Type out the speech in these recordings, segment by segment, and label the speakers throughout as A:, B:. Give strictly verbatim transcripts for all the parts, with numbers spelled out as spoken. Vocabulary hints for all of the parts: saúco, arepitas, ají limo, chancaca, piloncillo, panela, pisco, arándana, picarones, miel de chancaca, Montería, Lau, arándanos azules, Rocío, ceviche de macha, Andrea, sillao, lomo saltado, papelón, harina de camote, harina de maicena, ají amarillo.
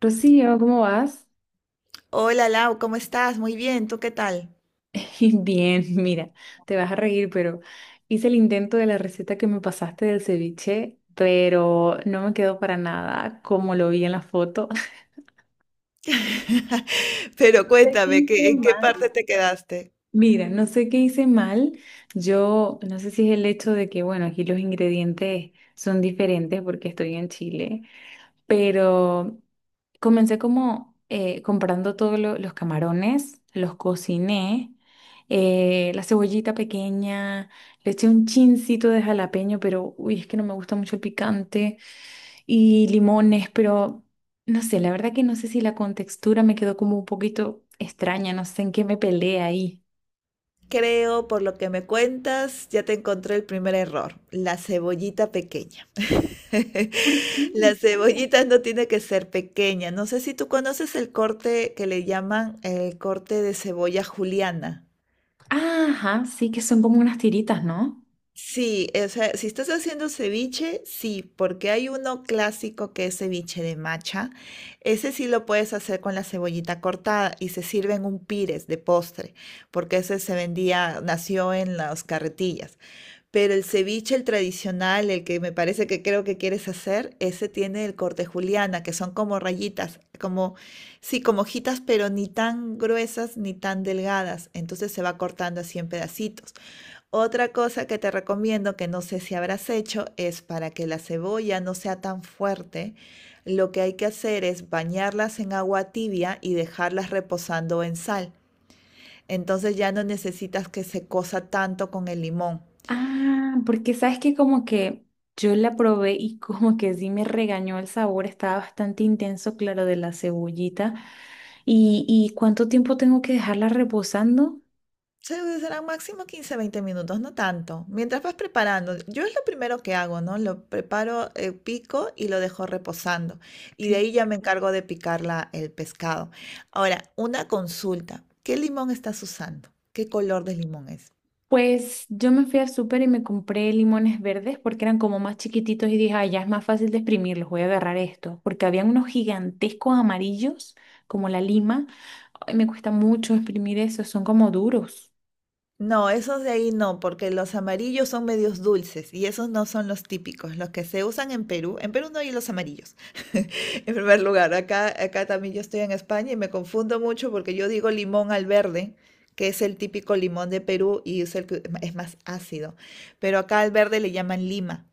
A: Rocío, ¿cómo vas?
B: Hola Lau, ¿cómo estás? Muy bien, ¿tú qué tal?
A: Bien, mira, te vas a reír, pero hice el intento de la receta que me pasaste del ceviche, pero no me quedó para nada como lo vi en la foto.
B: Pero
A: Sé que
B: cuéntame,
A: hice
B: ¿qué- en qué
A: mal.
B: parte te quedaste?
A: Mira, no sé qué hice mal. Yo no sé si es el hecho de que, bueno, aquí los ingredientes son diferentes porque estoy en Chile, pero comencé como eh, comprando todos lo- los camarones, los cociné, eh, la cebollita pequeña, le eché un chincito de jalapeño, pero uy, es que no me gusta mucho el picante, y limones, pero no sé, la verdad que no sé si la contextura me quedó como un poquito extraña, no sé en qué me peleé ahí.
B: Creo, por lo que me cuentas, ya te encontré el primer error, la cebollita pequeña.
A: ¿Por qué?
B: La cebollita no tiene que ser pequeña. No sé si tú conoces el corte que le llaman el corte de cebolla juliana.
A: Ajá, sí, que son como unas tiritas, ¿no?
B: Sí, o sea, si estás haciendo ceviche, sí, porque hay uno clásico que es ceviche de macha. Ese sí lo puedes hacer con la cebollita cortada y se sirve en un pires de postre, porque ese se vendía, nació en las carretillas. Pero el ceviche, el tradicional, el que me parece que creo que quieres hacer, ese tiene el corte juliana, que son como rayitas, como, sí, como hojitas, pero ni tan gruesas ni tan delgadas. Entonces se va cortando así en pedacitos. Otra cosa que te recomiendo, que no sé si habrás hecho, es para que la cebolla no sea tan fuerte, lo que hay que hacer es bañarlas en agua tibia y dejarlas reposando en sal. Entonces ya no necesitas que se cosa tanto con el limón.
A: Ah, porque sabes que como que yo la probé y como que sí me regañó el sabor, estaba bastante intenso, claro, de la cebollita. ¿Y, y cuánto tiempo tengo que dejarla reposando?
B: Sí, serán máximo quince veinte minutos, no tanto. Mientras vas preparando, yo es lo primero que hago, ¿no? Lo preparo, eh, pico y lo dejo reposando. Y de
A: Sí.
B: ahí ya me encargo de picar la- el pescado. Ahora, una consulta. ¿Qué limón estás usando? ¿Qué color de limón es?
A: Pues yo me fui al súper y me compré limones verdes porque eran como más chiquititos y dije, ah, ya es más fácil de exprimirlos, voy a agarrar esto. Porque habían unos gigantescos amarillos, como la lima. Ay, me cuesta mucho exprimir esos, son como duros.
B: No, esos de ahí no, porque los amarillos son medios dulces y esos no son los típicos, los que se usan en Perú. En Perú no hay los amarillos, en primer lugar. Acá, acá también yo estoy en España y me confundo mucho porque yo digo limón al verde, que es el típico limón de Perú y es el que es más ácido. Pero acá al verde le llaman lima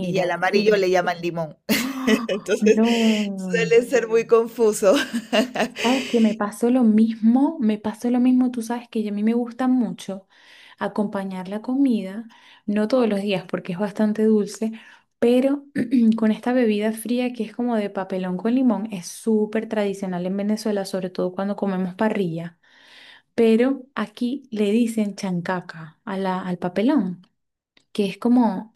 B: y al amarillo
A: qué...
B: le llaman limón.
A: ¡Ah!
B: Entonces
A: No.
B: suele ser muy confuso.
A: Sabes que me pasó lo mismo, me pasó lo mismo, tú sabes que a mí me gusta mucho acompañar la comida, no todos los días porque es bastante dulce, pero con esta bebida fría que es como de papelón con limón, es súper tradicional en Venezuela, sobre todo cuando comemos parrilla, pero aquí le dicen chancaca a la, al papelón, que es como,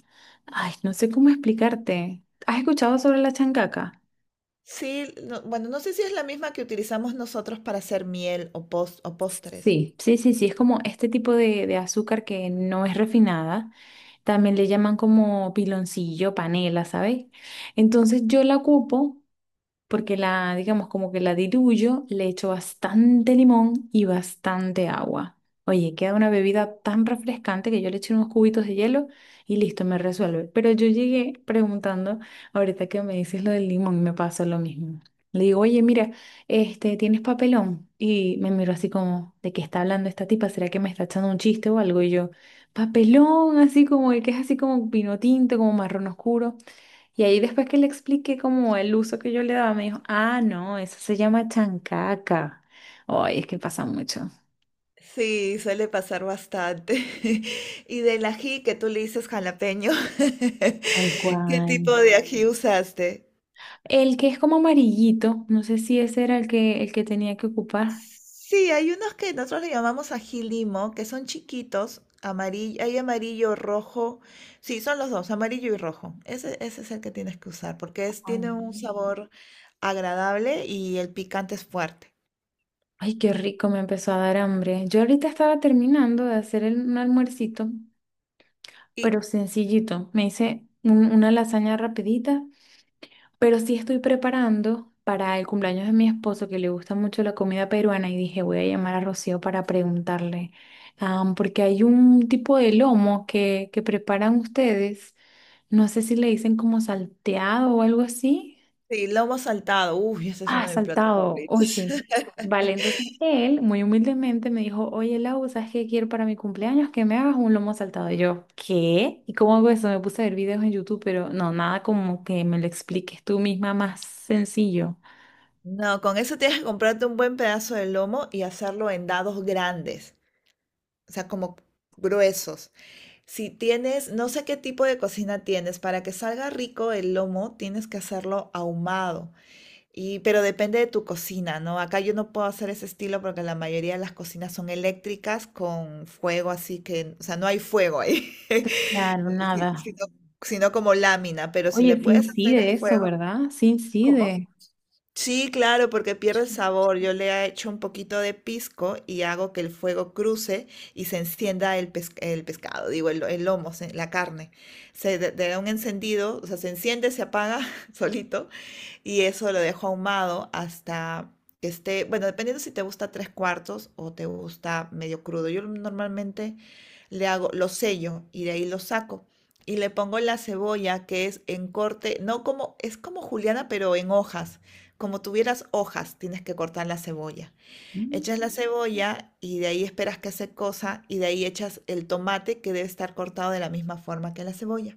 A: ay, no sé cómo explicarte. ¿Has escuchado sobre la chancaca?
B: Sí, no- bueno, no sé si es la misma que utilizamos nosotros para hacer miel o, pos- o postres.
A: Sí, sí, sí, sí, es como este tipo de, de azúcar que no es refinada, también le llaman como piloncillo, panela, ¿sabes? Entonces yo la ocupo porque la, digamos, como que la diluyo, le echo bastante limón y bastante agua. Oye, queda una bebida tan refrescante que yo le eché unos cubitos de hielo y listo, me resuelve. Pero yo llegué preguntando, ahorita que me dices lo del limón, me pasó lo mismo. Le digo, oye, mira, este, ¿tienes papelón? Y me miró así como, ¿de qué está hablando esta tipa? ¿Será que me está echando un chiste o algo? Y yo, papelón, así como el que es así como vino tinto, como marrón oscuro. Y ahí después que le expliqué como el uso que yo le daba, me dijo, ah, no, eso se llama chancaca. Ay, es que pasa mucho.
B: Sí, suele pasar bastante. Y del ají que tú le dices jalapeño,
A: Tal
B: ¿qué
A: cual.
B: tipo de ají usaste?
A: El que es como amarillito, no sé si ese era el que, el que tenía que ocupar.
B: Sí, hay unos que nosotros le llamamos ají limo, que son chiquitos, amarillo, hay amarillo, rojo. Sí, son los dos, amarillo y rojo. Ese, ese es el que tienes que usar, porque es,
A: Ah,
B: tiene un sabor agradable y el picante es fuerte.
A: ay, qué rico, me empezó a dar hambre. Yo ahorita estaba terminando de hacer el- un almuercito,
B: Y
A: pero sencillito. Me hice un- una lasaña rapidita. Pero sí estoy preparando para el cumpleaños de mi esposo, que le gusta mucho la comida peruana, y dije, voy a llamar a Rocío para preguntarle, ah, porque hay un tipo de lomo que, que preparan ustedes, no sé si le dicen como salteado o algo así.
B: sí, lomo saltado, uy, ese es
A: Ah,
B: uno de mis platos
A: saltado, o
B: favoritos.
A: sí. Vale, entonces él muy humildemente me dijo, oye Lau, ¿sabes qué quiero para mi cumpleaños? Que me hagas un lomo saltado. Y yo, ¿qué? ¿Y cómo hago eso? Me puse a ver videos en YouTube, pero no, nada como que me lo expliques tú misma más sencillo.
B: No, con eso tienes que comprarte un buen pedazo de lomo y hacerlo en dados grandes, o sea, como gruesos. Si tienes, no sé qué tipo de cocina tienes, para que salga rico el lomo, tienes que hacerlo ahumado. Y, pero depende de tu cocina, ¿no? Acá yo no puedo hacer ese estilo porque la mayoría de las cocinas son eléctricas con fuego, así que, o sea, no hay fuego ahí,
A: Claro,
B: si-
A: nada.
B: sino, sino como lámina, pero si le
A: Oye, sí
B: puedes hacer el
A: incide eso,
B: fuego,
A: ¿verdad? Sí
B: ¿cómo?
A: incide.
B: Sí, claro, porque pierde el sabor. Yo le echo un poquito de pisco y hago que el fuego cruce y se encienda el, pes- el pescado, digo, el, el lomo, se- la carne. Se de- le da un encendido, o sea, se enciende, se apaga solito y eso lo dejo ahumado hasta que esté, bueno, dependiendo si te gusta tres cuartos o te gusta medio crudo. Yo normalmente le hago, lo sello y de ahí lo saco. Y le pongo la cebolla, que es en corte, no como, es como juliana, pero en hojas. Como tuvieras hojas, tienes que cortar la cebolla. Echas la cebolla y de ahí esperas que se cosa y de ahí echas el tomate que debe estar cortado de la misma forma que la cebolla.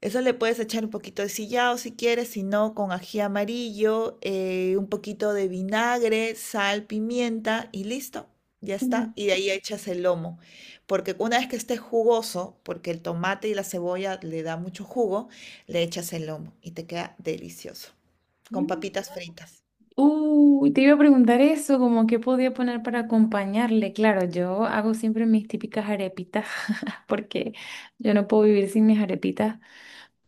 B: Eso le puedes echar un poquito de sillao si quieres, si no, con ají amarillo, eh, un poquito de vinagre, sal, pimienta y listo. Ya está. Y de ahí echas el lomo. Porque una vez que esté jugoso, porque el tomate y la cebolla le da mucho jugo, le echas el lomo y te queda delicioso. Con papitas fritas.
A: Uy, te iba a preguntar eso, como qué podía poner para acompañarle. Claro, yo hago siempre mis típicas arepitas, porque yo no puedo vivir sin mis arepitas,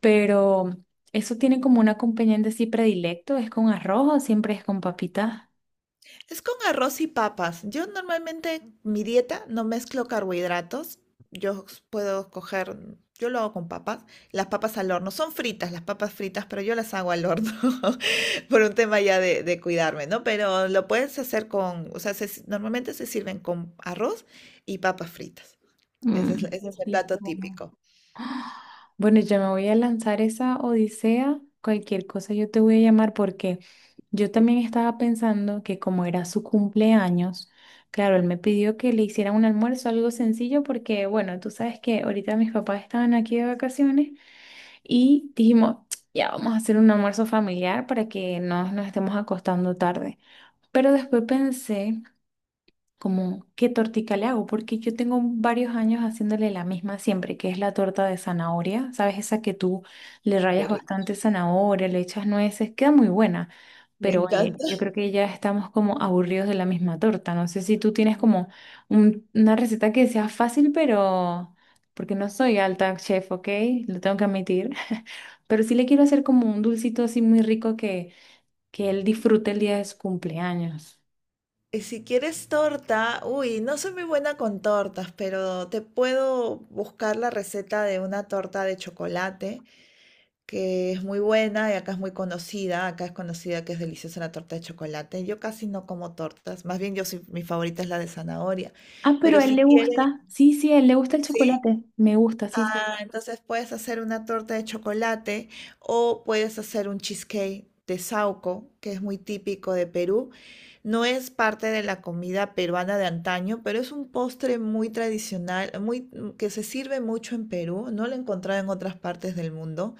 A: pero eso tiene como un acompañante así predilecto, es con arroz o siempre es con papitas.
B: Es con arroz y papas. Yo normalmente mi dieta no mezclo carbohidratos. Yo puedo coger, yo lo hago con papas. Las papas al horno, son fritas las papas fritas, pero yo las hago al horno por un tema ya de, de cuidarme, ¿no? Pero lo puedes hacer con, o sea, se normalmente se sirven con arroz y papas fritas. Ese es,
A: Mm,
B: ese
A: qué
B: es el plato
A: rico.
B: típico.
A: Bueno, ya me voy a lanzar esa odisea. Cualquier cosa yo te voy a llamar porque yo también estaba pensando que como era su cumpleaños, claro, él me pidió que le hiciera un almuerzo, algo sencillo, porque bueno, tú sabes que ahorita mis papás estaban aquí de vacaciones y dijimos, ya vamos a hacer un almuerzo familiar para que no nos estemos acostando tarde. Pero después pensé como qué tortica le hago, porque yo tengo varios años haciéndole la misma siempre, que es la torta de zanahoria, ¿sabes? Esa que tú le
B: Qué
A: rayas
B: rico.
A: bastante zanahoria, le echas nueces, queda muy buena,
B: Me
A: pero oye,
B: encanta.
A: yo creo que ya estamos como aburridos de la misma torta, no sé si tú tienes como un- una receta que sea fácil, pero... Porque no soy alta chef, ¿ok? Lo tengo que admitir. Pero sí le quiero hacer como un dulcito así muy rico que, que él disfrute el día de su cumpleaños.
B: Y si quieres torta, uy, no soy muy buena con tortas, pero te puedo buscar la receta de una torta de chocolate, que es muy buena y acá es muy conocida. Acá es conocida que es deliciosa la torta de chocolate. Yo casi no como tortas, más bien yo soy, mi favorita es la de zanahoria.
A: Ah, pero
B: Pero
A: a él
B: si
A: le
B: quieres,
A: gusta. Sí, sí, a él le gusta el
B: sí,
A: chocolate. Me gusta, sí, sí.
B: ah, entonces puedes hacer una torta de chocolate o puedes hacer un cheesecake de saúco, que es muy típico de Perú. No es parte de la comida peruana de antaño, pero es un postre muy tradicional, muy, mm, que se sirve mucho en Perú. No lo he encontrado en otras partes del mundo,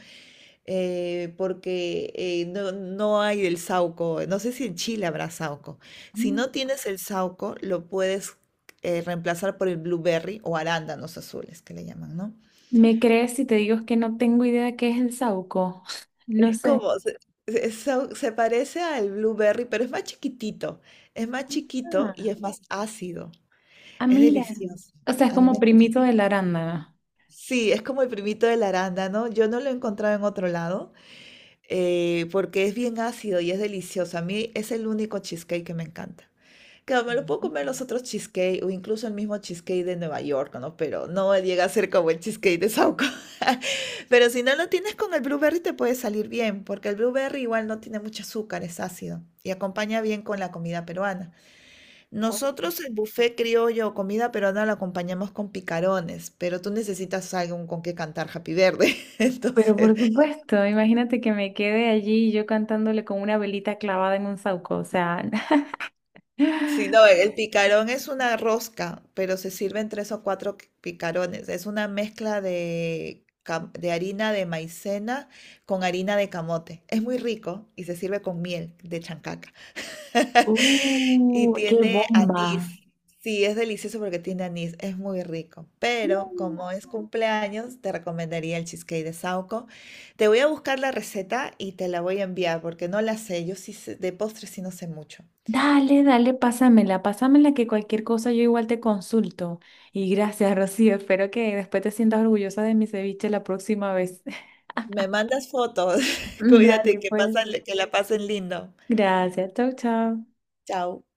B: eh, porque eh, no, no hay el saúco. No sé si en Chile habrá saúco. Si
A: Mm.
B: no tienes el saúco, lo puedes eh, reemplazar por el blueberry o arándanos azules, que le llaman, ¿no?
A: ¿Me crees si te digo que no tengo idea de qué es el saúco? No
B: Es
A: sé.
B: como, se, se- so- se parece al blueberry, pero es más chiquitito. Es más chiquito y
A: Ah,
B: es más ácido.
A: ah,
B: Es
A: mira.
B: delicioso.
A: O sea, es
B: A mí me
A: como
B: encanta.
A: primito de la arándana.
B: Sí, es como el primito del arándano. Yo no lo he encontrado en otro lado eh, porque es bien ácido y es delicioso. A mí es el único cheesecake que me encanta. Claro, me lo puedo
A: Ujú.
B: comer los otros cheesecake o incluso el mismo cheesecake de Nueva York, ¿no? Pero no llega a ser como el cheesecake de Sauco. Pero si no lo tienes con el blueberry te puede salir bien, porque el blueberry igual no tiene mucho azúcar, es ácido y acompaña bien con la comida peruana.
A: Oye,
B: Nosotros el buffet criollo o comida peruana lo acompañamos con picarones, pero tú necesitas algo con que cantar Happy Verde.
A: pero
B: Entonces,
A: por supuesto, imagínate que me quede allí yo cantándole con una velita clavada en un saúco. O sea,
B: sí, no, el picarón es una rosca, pero se sirven tres o cuatro qu- picarones. Es una mezcla de, cam- de harina de maicena con harina de camote. Es muy rico y se sirve con miel de chancaca. Y
A: ¡uh, qué
B: tiene
A: bomba!
B: anís. Sí, es delicioso porque tiene anís. Es muy rico. Pero como es cumpleaños, te recomendaría el cheesecake de Sauco. Te voy a buscar la receta y te la voy a enviar porque no la sé. Yo sí sé- de postres sí no sé mucho.
A: Dale, dale, pásamela, pásamela que cualquier cosa yo igual te consulto. Y gracias, Rocío. Espero que después te sientas orgullosa de mi ceviche la próxima vez.
B: Me mandas fotos. Cuídate,
A: Dale,
B: que
A: pues.
B: pasan, que la pasen lindo.
A: Gracias, chau, chau.
B: Chao.